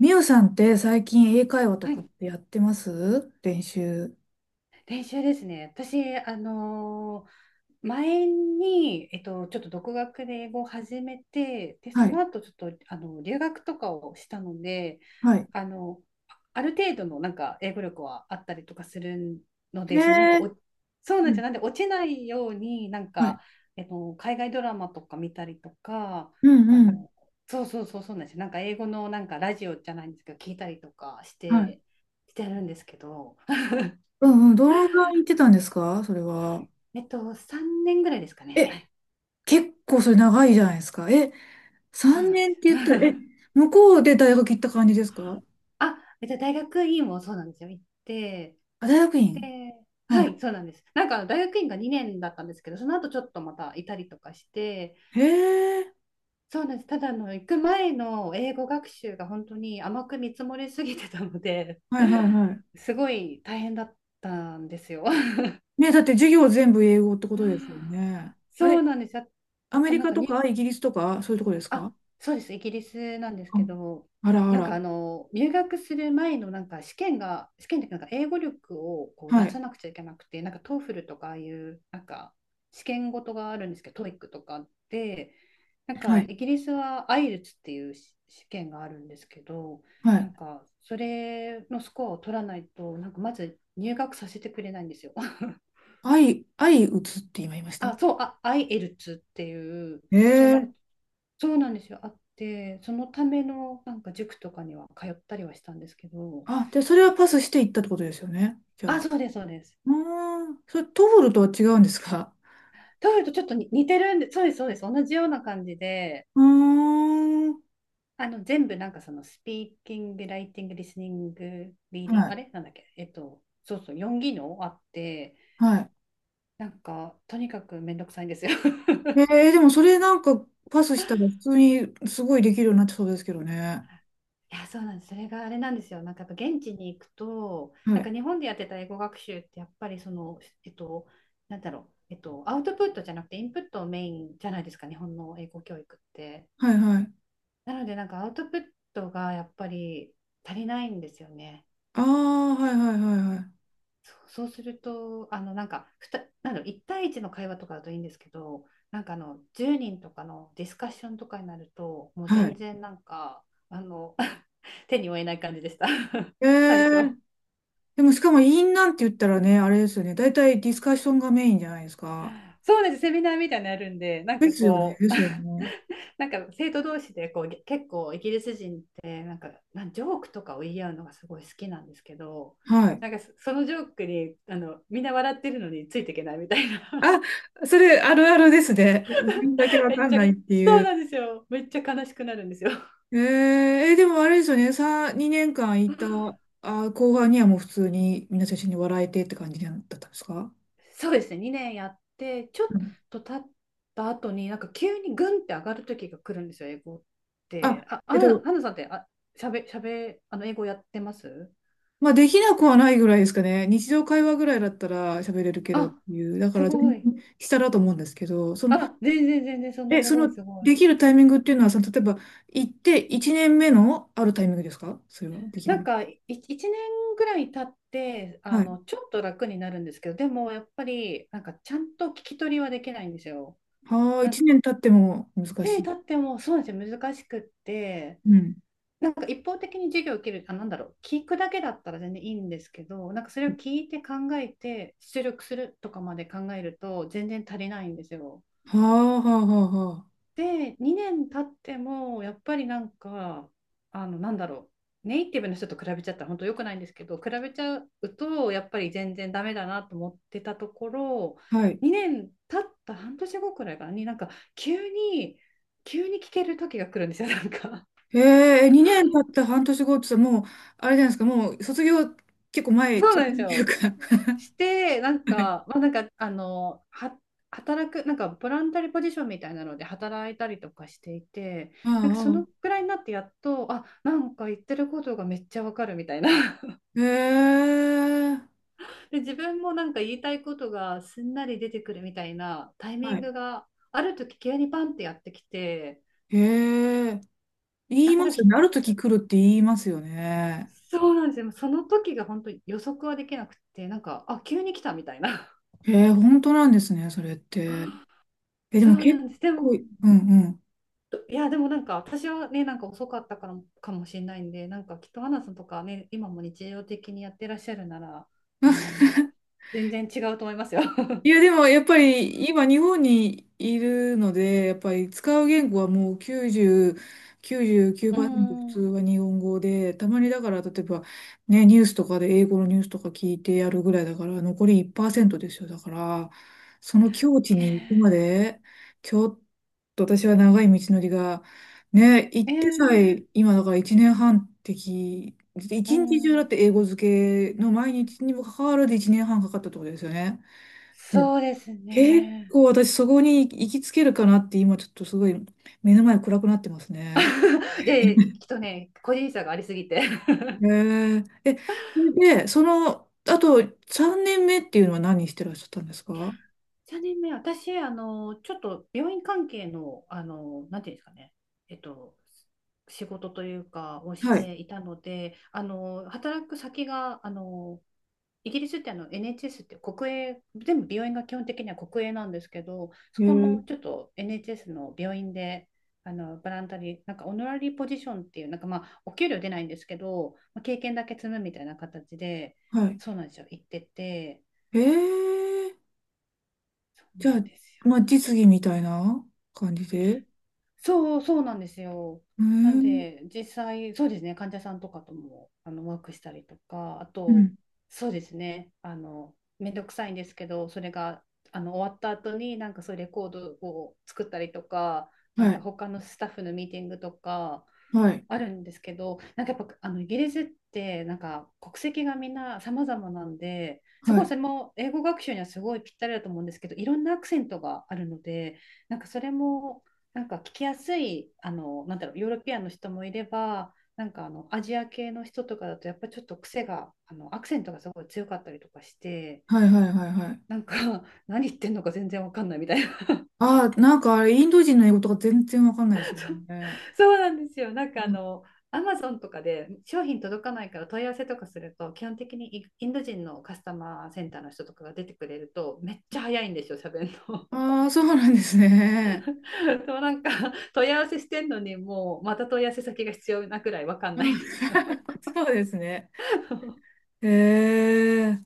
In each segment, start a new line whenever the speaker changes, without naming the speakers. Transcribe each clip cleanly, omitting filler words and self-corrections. みゆさんって最近英会話と
は
かっ
い、
てやってます、練習。
練習ですね。私、前に、ちょっと独学で英語を始めて、で、そ
はい。
の後ちょっと、留学とかをしたので、
はい。
あの、ある程度のなんか英語力はあったりとかするので、
へ
そのなんかお、
え。
そうなん
う
ですよ。
ん、
なんで落ちないように、
はい。
海外ドラマとか見たりとか、
う
あ
んうん。
の、そうそうそうそうなんですよ。なんか英語のなんかラジオじゃないんですけど、聞いたりとかし
はい。
て、してるんですけど。
うんうん。どのぐらい行ってたんですか、それは。
えっと、3年ぐらいですかね。は
え、
い。
結構それ長いじゃないですか。え、
そうな
3
んで
年って言っ
す。
た
はい。
ら、え、向こうで大学行った感じですか？
あ、えっと、大学院もそうなんですよ。行って、
あ、大学院。
で、
は
は
い。
い、そうなんです。なんか、大学院が2年だったんですけど、その後ちょっとまたいたりとかして、
へえ。
そうなんです。ただ、行く前の英語学習が本当に甘く見積もりすぎてたので、
はいはいはい。
すごい大変だったんですよ。
ね、だって授業全部英語ってことですよ ね。あ
そう
れ、
なんです。あ。
ア
あ
メ
と、
リ
なん
カ
か
とかイギリスとかそういうとこですか？
あ、そうです。イギリスなんですけ
あ、
ど、
あらあら。
入学する前のなんか試験が、試験でなんか英語力をこう
は
出さ
い。
なくちゃいけなくて、なんか TOEFL とかああいうなんか試験ごとがあるんですけど、TOEIC とかで、なん
は
か
い。
イギリスはアイルツっていうし試験があるんですけど、
は
な
い。
んかそれのスコアを取らないと、なんかまず入学させてくれないんですよ。
相、相打つって今言いました？
あ、そう、あ、アイエルツっていう、そう、なんか、
ええ。
そうなんですよ、あって、そのためのなんか塾とかには通ったりはしたんですけど、
あ、で、それはパスしていったってことですよね、じゃ
あ、
あ。
そうです、そうです。
うーん。それ、トフルとは違うんですか？
トイレとちょっとに似てるんで、そうです、そうです、同じような感じで、
うーん。
全部なんかその、スピーキング、ライティング、リスニング、リー
は
ディング、あ
い。
れなんだっけ、そうそう、4技能あって、
はい。
なんか、とにかくめんどくさいんですよ。
えー、でもそれなんかパスしたら普通にすごいできるようになってそうですけどね。
いや、そうなんです。それがあれなんですよ。なんかやっぱ現地に行くと、
は
なんか
い。
日本でやってた英語学習ってやっぱりその、アウトプットじゃなくてインプットをメインじゃないですか、日本の英語教育って。
はいはい。
なのでなんかアウトプットがやっぱり足りないんですよね。
ああ、はいはいはいはい。
そう、そうすると、あのなんかふた、なんだろう、1対一の会話とかだといいんですけど、なんかあの10人とかのディスカッションとかになると、もう
は
全
い。
然なんか、あの 手に負えない感じでした
え
最初。
ー、でもしかもインなんて言ったらね、あれですよね。大体ディスカッションがメインじゃないですか。
そうなんです、セミナーみたいなのやるんで、なん
で
か
すよね。
こ
で
う、
すよ ね。
なんか生徒同士でこうげ結構イギリス人ってなんかジョークとかを言い合うのがすごい好きなんですけど、
はい。
なんかそのジョークにみんな笑ってるのについていけないみたいな、
あ、それあるあるですね。自分だけ わ
めっ
かん
ちゃ、
ないって
そ
い
う
う。
なんですよ、めっちゃ悲しくなるんですよ。
えー、え、でもあれですよね。さ、2年間いた、あ、後半にはもう普通に皆さん一緒に笑えてって感じだったんですか？
そうですね、2年やってちょっ
うん。
と経った後になんか急にグンって上がる時が来るんですよ、英語っ
あ、
て。あ、
え
ア
っ
ナ
と、
アナさんってあ、しゃべ、しゃべ、あの英語やってます
まあ、できなくはないぐらいですかね。日常会話ぐらいだったら喋れるけどっ
あ、
ていう。だか
す
ら全
ご
然
い。
下だと思うんですけど、その、
あ、全然全然、そんな
え、
す
そ
ごい
の、
すごい。
できるタイミングっていうのは、その、例えば、行って1年目のあるタイミングですか、それはでき
な
る
ん
の。
か、1年ぐらい経って、あ
はい。
の、ちょっと楽になるんですけど、でも、やっぱり、なんか、ちゃんと聞き取りはできないんですよ。
はあ、
なん
1
か、
年経っても難し
年
い。
経っても、そうなんですよ、難しくって、
うん。
なんか、一方的に授業を受ける、あ、なんだろう、聞くだけだったら全然いいんですけど、なんか、それを
は
聞いて考えて、出力するとかまで考えると、全然足りないんですよ。
あ、はあ、はあ、は
で、2年経っても、やっぱりなんか、あの、なんだろネイティブの人と比べちゃったら本当良くないんですけど、比べちゃうと、やっぱり全然ダメだなと思ってたところ、
あ。はい。
2年経った半年後くらいからに、なんか、急に、急に聞ける時が来るんですよ、なんか。
ええ、2年経った半年後ってさ、もう、あれじゃないですか、もう卒業結構 前、
そう
直
なんで
前
す
っていう
よ。
か。
して、
はい。
働く、なんか、ボランタリーポジションみたいなので働いたりとかしていて、
あ
なんか、そのくらいになってやっと、あ、なんか言ってることがめっちゃわかるみたいな。
あ、へえ。
で、自分もなんか言いたいことがすんなり出てくるみたいなタイミ
は
ン
い。
グがある時急にパンってやってきて、
へえ。言
なん
い
か
ま
多分
すよ
ひ、
ね。ある時来るって言いますよね。
そうなんですよ。その時が本当に予測はできなくて、なんか、あ、急に来たみたいな。
へえ、本当なんですね、それって。え、で
そ
も
うな
結
んです。で
構、
も、
うんうん。
や、でもなんか私はね、なんか遅かったからかもしれないんで、なんかきっとアンナさんとかね、今も日常的にやってらっしゃるなら、あの、全然違うと思いますよ。
い や、でもやっぱり今日本にいるので、やっぱり使う言語はもう9セ9ト
うー
普通
ん。
は 日本語で、たまにだから例えばね、ニュースとかで英語のニュースとか聞いてやるぐらいだから、残り1%ですよ。だから、その境地
ね
に行くまで、ちょっと私は長い道のりが、ね、行ってさ
ええ
え今だから1年半的、
う
一日中だっ
ん。
て英語漬けの毎日にもかかわらず1年半かかったってことですよね。
そうです
結
ね。
構私そこに行きつけるかなって、今ちょっとすごい目の前暗くなってますね。
いやいや、きっとね、個人差がありすぎて。
へえ。え、それで、その、あと3年目っていうのは何してらっしゃったんですか？
3年目、私、あの、ちょっと病院関係の、あの、なんていうんですかね、えっと、仕事というか、をし
はい。
ていたので、あの、働く先が、あの、イギリスってあの NHS って国営、全部病院が基本的には国営なんですけど、そ
へ
こ
え。
のちょっと NHS の病院で、あのボランタリー、なんかオノラリーポジションっていう、なんかまあ、お給料出ないんですけど、まあ、経験だけ積むみたいな形で、
はい。
そうなんですよ、行ってて、
へえ。
そう
じゃ
なんです
あ、ま
よ
あ
ね。
実技みたいな感じで。へえ。
そうそうなんですよ。
う
なん
ん。
で、実際、そうですね、患者さんとかともあのワークしたりとか、あと、そうですね、あの、めんどくさいんですけど、それがあの終わった後に、なんかそういうレコードを作ったりとか、なん
は
か
い。
他のスタッフのミーティングとか、
はい。
あるんですけど、なんかやっぱあのイギリスってなんか国籍がみんな様々なんで、す
は
ごい
い。
それも英語学習にはすごいぴったりだと思うんですけど、いろんなアクセントがあるので、なんかそれもなんか聞きやすい、あの、なんだろう、ヨーロピアンの人もいれば、なんかあのアジア系の人とかだとやっぱちょっと癖が、あのアクセントがすごい強かったりとかして、
はいはいはいはい。
なんか 何言ってんのか全然わかんないみたい
ああ、なんかあれ、インド人の英語とか全然わかんないですよね。
そうなんですよ。なんかあの、アマゾンとかで商品届かないから問い合わせとかすると、基本的にイインド人のカスタマーセンターの人とかが出てくれると、めっちゃ早いんですよ、喋るの。
ああー、そうなんですね。
そうなんか問い合わせしてんのに、もうまた問い合わせ先が必要なくらいわかん
う
な
ん
いんですよ。
そうですね。へえ、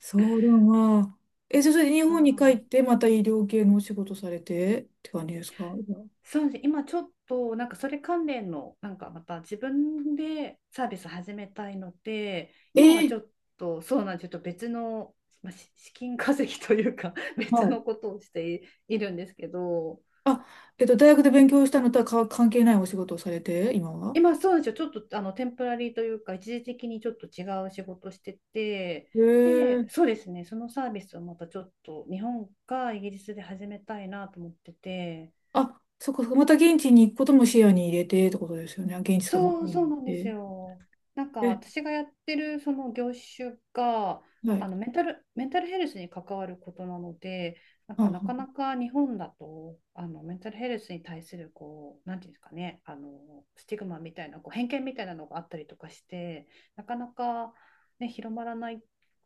そうだな。え、じゃあそれで日
そ
本に帰っ
う。
て、また医療系のお仕事されてって感じですか？
そうですね。今ちょっとなんかそれ関連のなんかまた自分でサービス始めたいので、
え
今はちょ
ー、
っとそうなんです。ちょっと別の、まあ、資金稼ぎというか
は
別
い。
のことをしているんですけど、
あ、大学で勉強したのとはか関係ないお仕事をされて、今は？
今そうなんですよ。ちょっとあのテンプラリーというか、一時的にちょっと違う仕事してて、
へ
で、
え。
そうですね。そのサービスをまたちょっと日本かイギリスで始めたいなと思ってて。
あ、そっかそっか、また現地に行くことも視野に入れてってことですよね。現地か向こ
そ
う
う、
に
そ
行
う
っ
なんです
て。
よ。なんか
え、
私がやってるその業種が、
は
あ
い。
のメンタルヘルスに関わることなので、なんか
あ、
なかなか日本だと、あのメンタルヘルスに対するこう、なんていうんですかね、あのスティグマみたいな、こう偏見みたいなのがあったりとかして、なかなか、ね、広まらない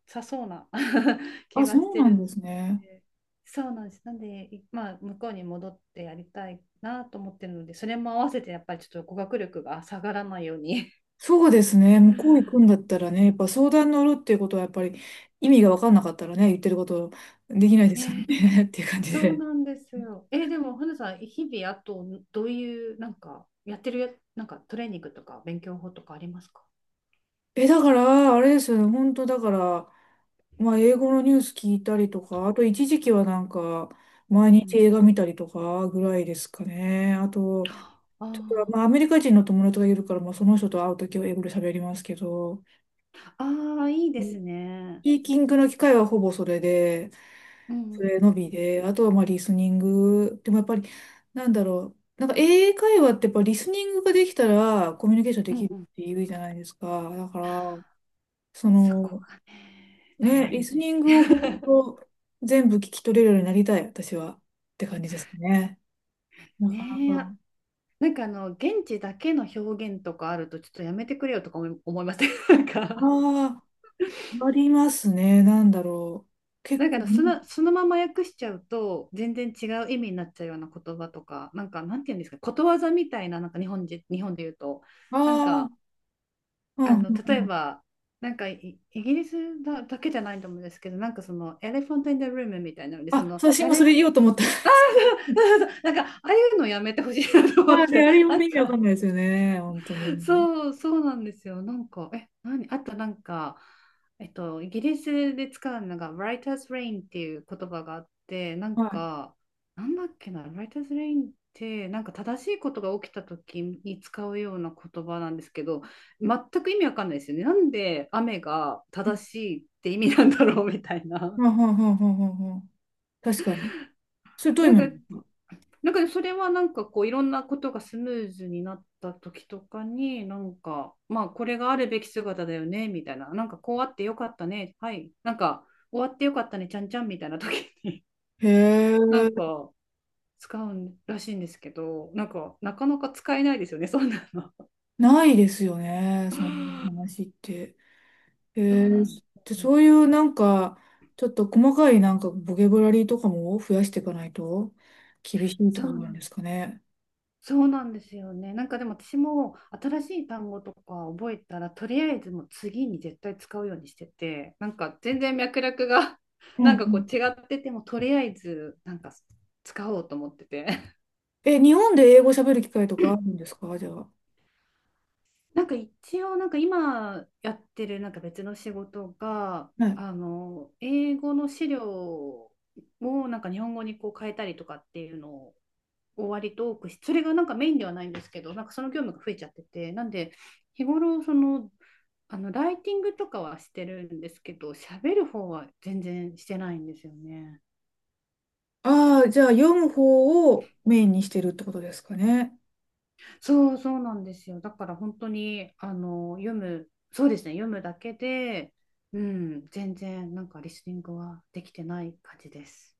さそうな 気
あ、
がし
そう
て
なん
る
で
の
すね。
で。そうなんです。なんで、いまあ、向こうに戻ってやりたいなと思ってるので、それも合わせてやっぱりちょっと語学力が下がらないように。
そうですね。
う
向こう行く
ん、
んだったらね、やっぱ相談乗るっていうことはやっぱり意味が分かんなかったらね、言ってることできないですよね っていう感じ
そう
で。
なんですよ。え、でも、花さん、日々、あと、どういう、なんか、やってるや、なんか、トレーニングとか、勉強法とかありますか？
え、だから、あれですよね。本当だから、まあ英語のニュース聞いたりとか、あと一時期はなんか、
うん
毎
う
日
ん。
映画見たりとかぐらいですかね。あと、
あ
ちょっと
あ、
まあアメリカ人の友達がいるから、まあその人と会うときは英語で喋りますけど。
ああ、いいです
ス
ね。
ピーキングの機会はほぼそれで、
うんう
それ
ん
の
う
み
ん
で、あとはまあリスニング。でもやっぱり、なんだろう。英会話ってやっぱリスニングができたらコミュニケーション
う
で
ん。
きる
う
っ
んうん。
て言うじゃないですか。だから、そ
そ
の、
こがね、大
ね、
変な
リ
ん
ス
で
ニ
す
ングを
よ
本
ね。
当全部聞き取れるようになりたい、私は。って感じですかね。なかな
ねえ、
か。
なんかあの、現地だけの表現とかあるとちょっとやめてくれよとか思いません？ なんか
ああ、ありますね。なんだろう。結
なんかあ
構、
のその、そのまま訳しちゃうと全然違う意味になっちゃうような言葉とか、なんかなんて言うんですか、ことわざみたいな、なんか日本人、日本で言うと、
あ
なん
あ
か
ー、う
あ
ん、うん、
の、例え
うん。
ばなんかイギリスだけじゃないと思うんですけど、なんかそのエレファント・イン・ザ・ルームみたいなので、そ
あ、
の
そう私今そ
誰
れ言おうと思った。
なんかああいうのやめてほしいなと
あ
思
あ、
っ
ね、
て
あれ読
な
ん
ん
で意味わかん
か。
ないですよね、本当 に。
そう、そうなんですよ。なんか、あとなんか、イギリスで使うのが、Writer's Rain っていう言葉があって、なん
は
か、なんだっけな、Writer's Rain って、なんか正しいことが起きた時に使うような言葉なんですけど、全く意味わかんないですよね。なんで雨が
い。
正しいって意味なんだろうみたいな。
はははははは、確かに。それどういう
な
意
ん
味なん
か、
ですか？
なんかそれはなんかこう、いろんなことがスムーズになった時とかに、なんかまあこれがあるべき姿だよねみたいな、なんかこうあってよかったね、はい、なんか終わってよかったねちゃんちゃんみたいな時に
へ
なん
え、
か使うらしいんですけど、なんかなかなか使えないですよね、そんなの。
ないですよね、その 話って。へ
そうな
え、
んで
で、
すよ。
そういうなんかちょっと細かいなんかボキャブラリーとかも増やしていかないと厳 しいって
そ
ことなんで
う
すかね。
そうなんですよね。なんかでも私も新しい単語とか覚えたら、とりあえずもう次に絶対使うようにしてて、なんか全然脈絡が
うん
な
う
んかこ
ん。
う違ってても、とりあえずなんか使おうと思ってて。
え、日本で英語喋る機会とかあるんですか、じゃあ。
なんか一応なんか今やってるなんか別の仕事が、
はい。
あの、英語の資料をなんか日本語にこう変えたりとかっていうの割と多くし、それがなんかメインではないんですけど、なんかその業務が増えちゃってて、なんで日頃その、あのライティングとかはしてるんですけど、喋る方は全然してないんですよね。
ああ、じゃあ読む方をメインにしてるってことですかね。
そうそうなんですよ。だから本当にあの読む、そうですね、読むだけで、うん、全然なんかリスニングはできてない感じです。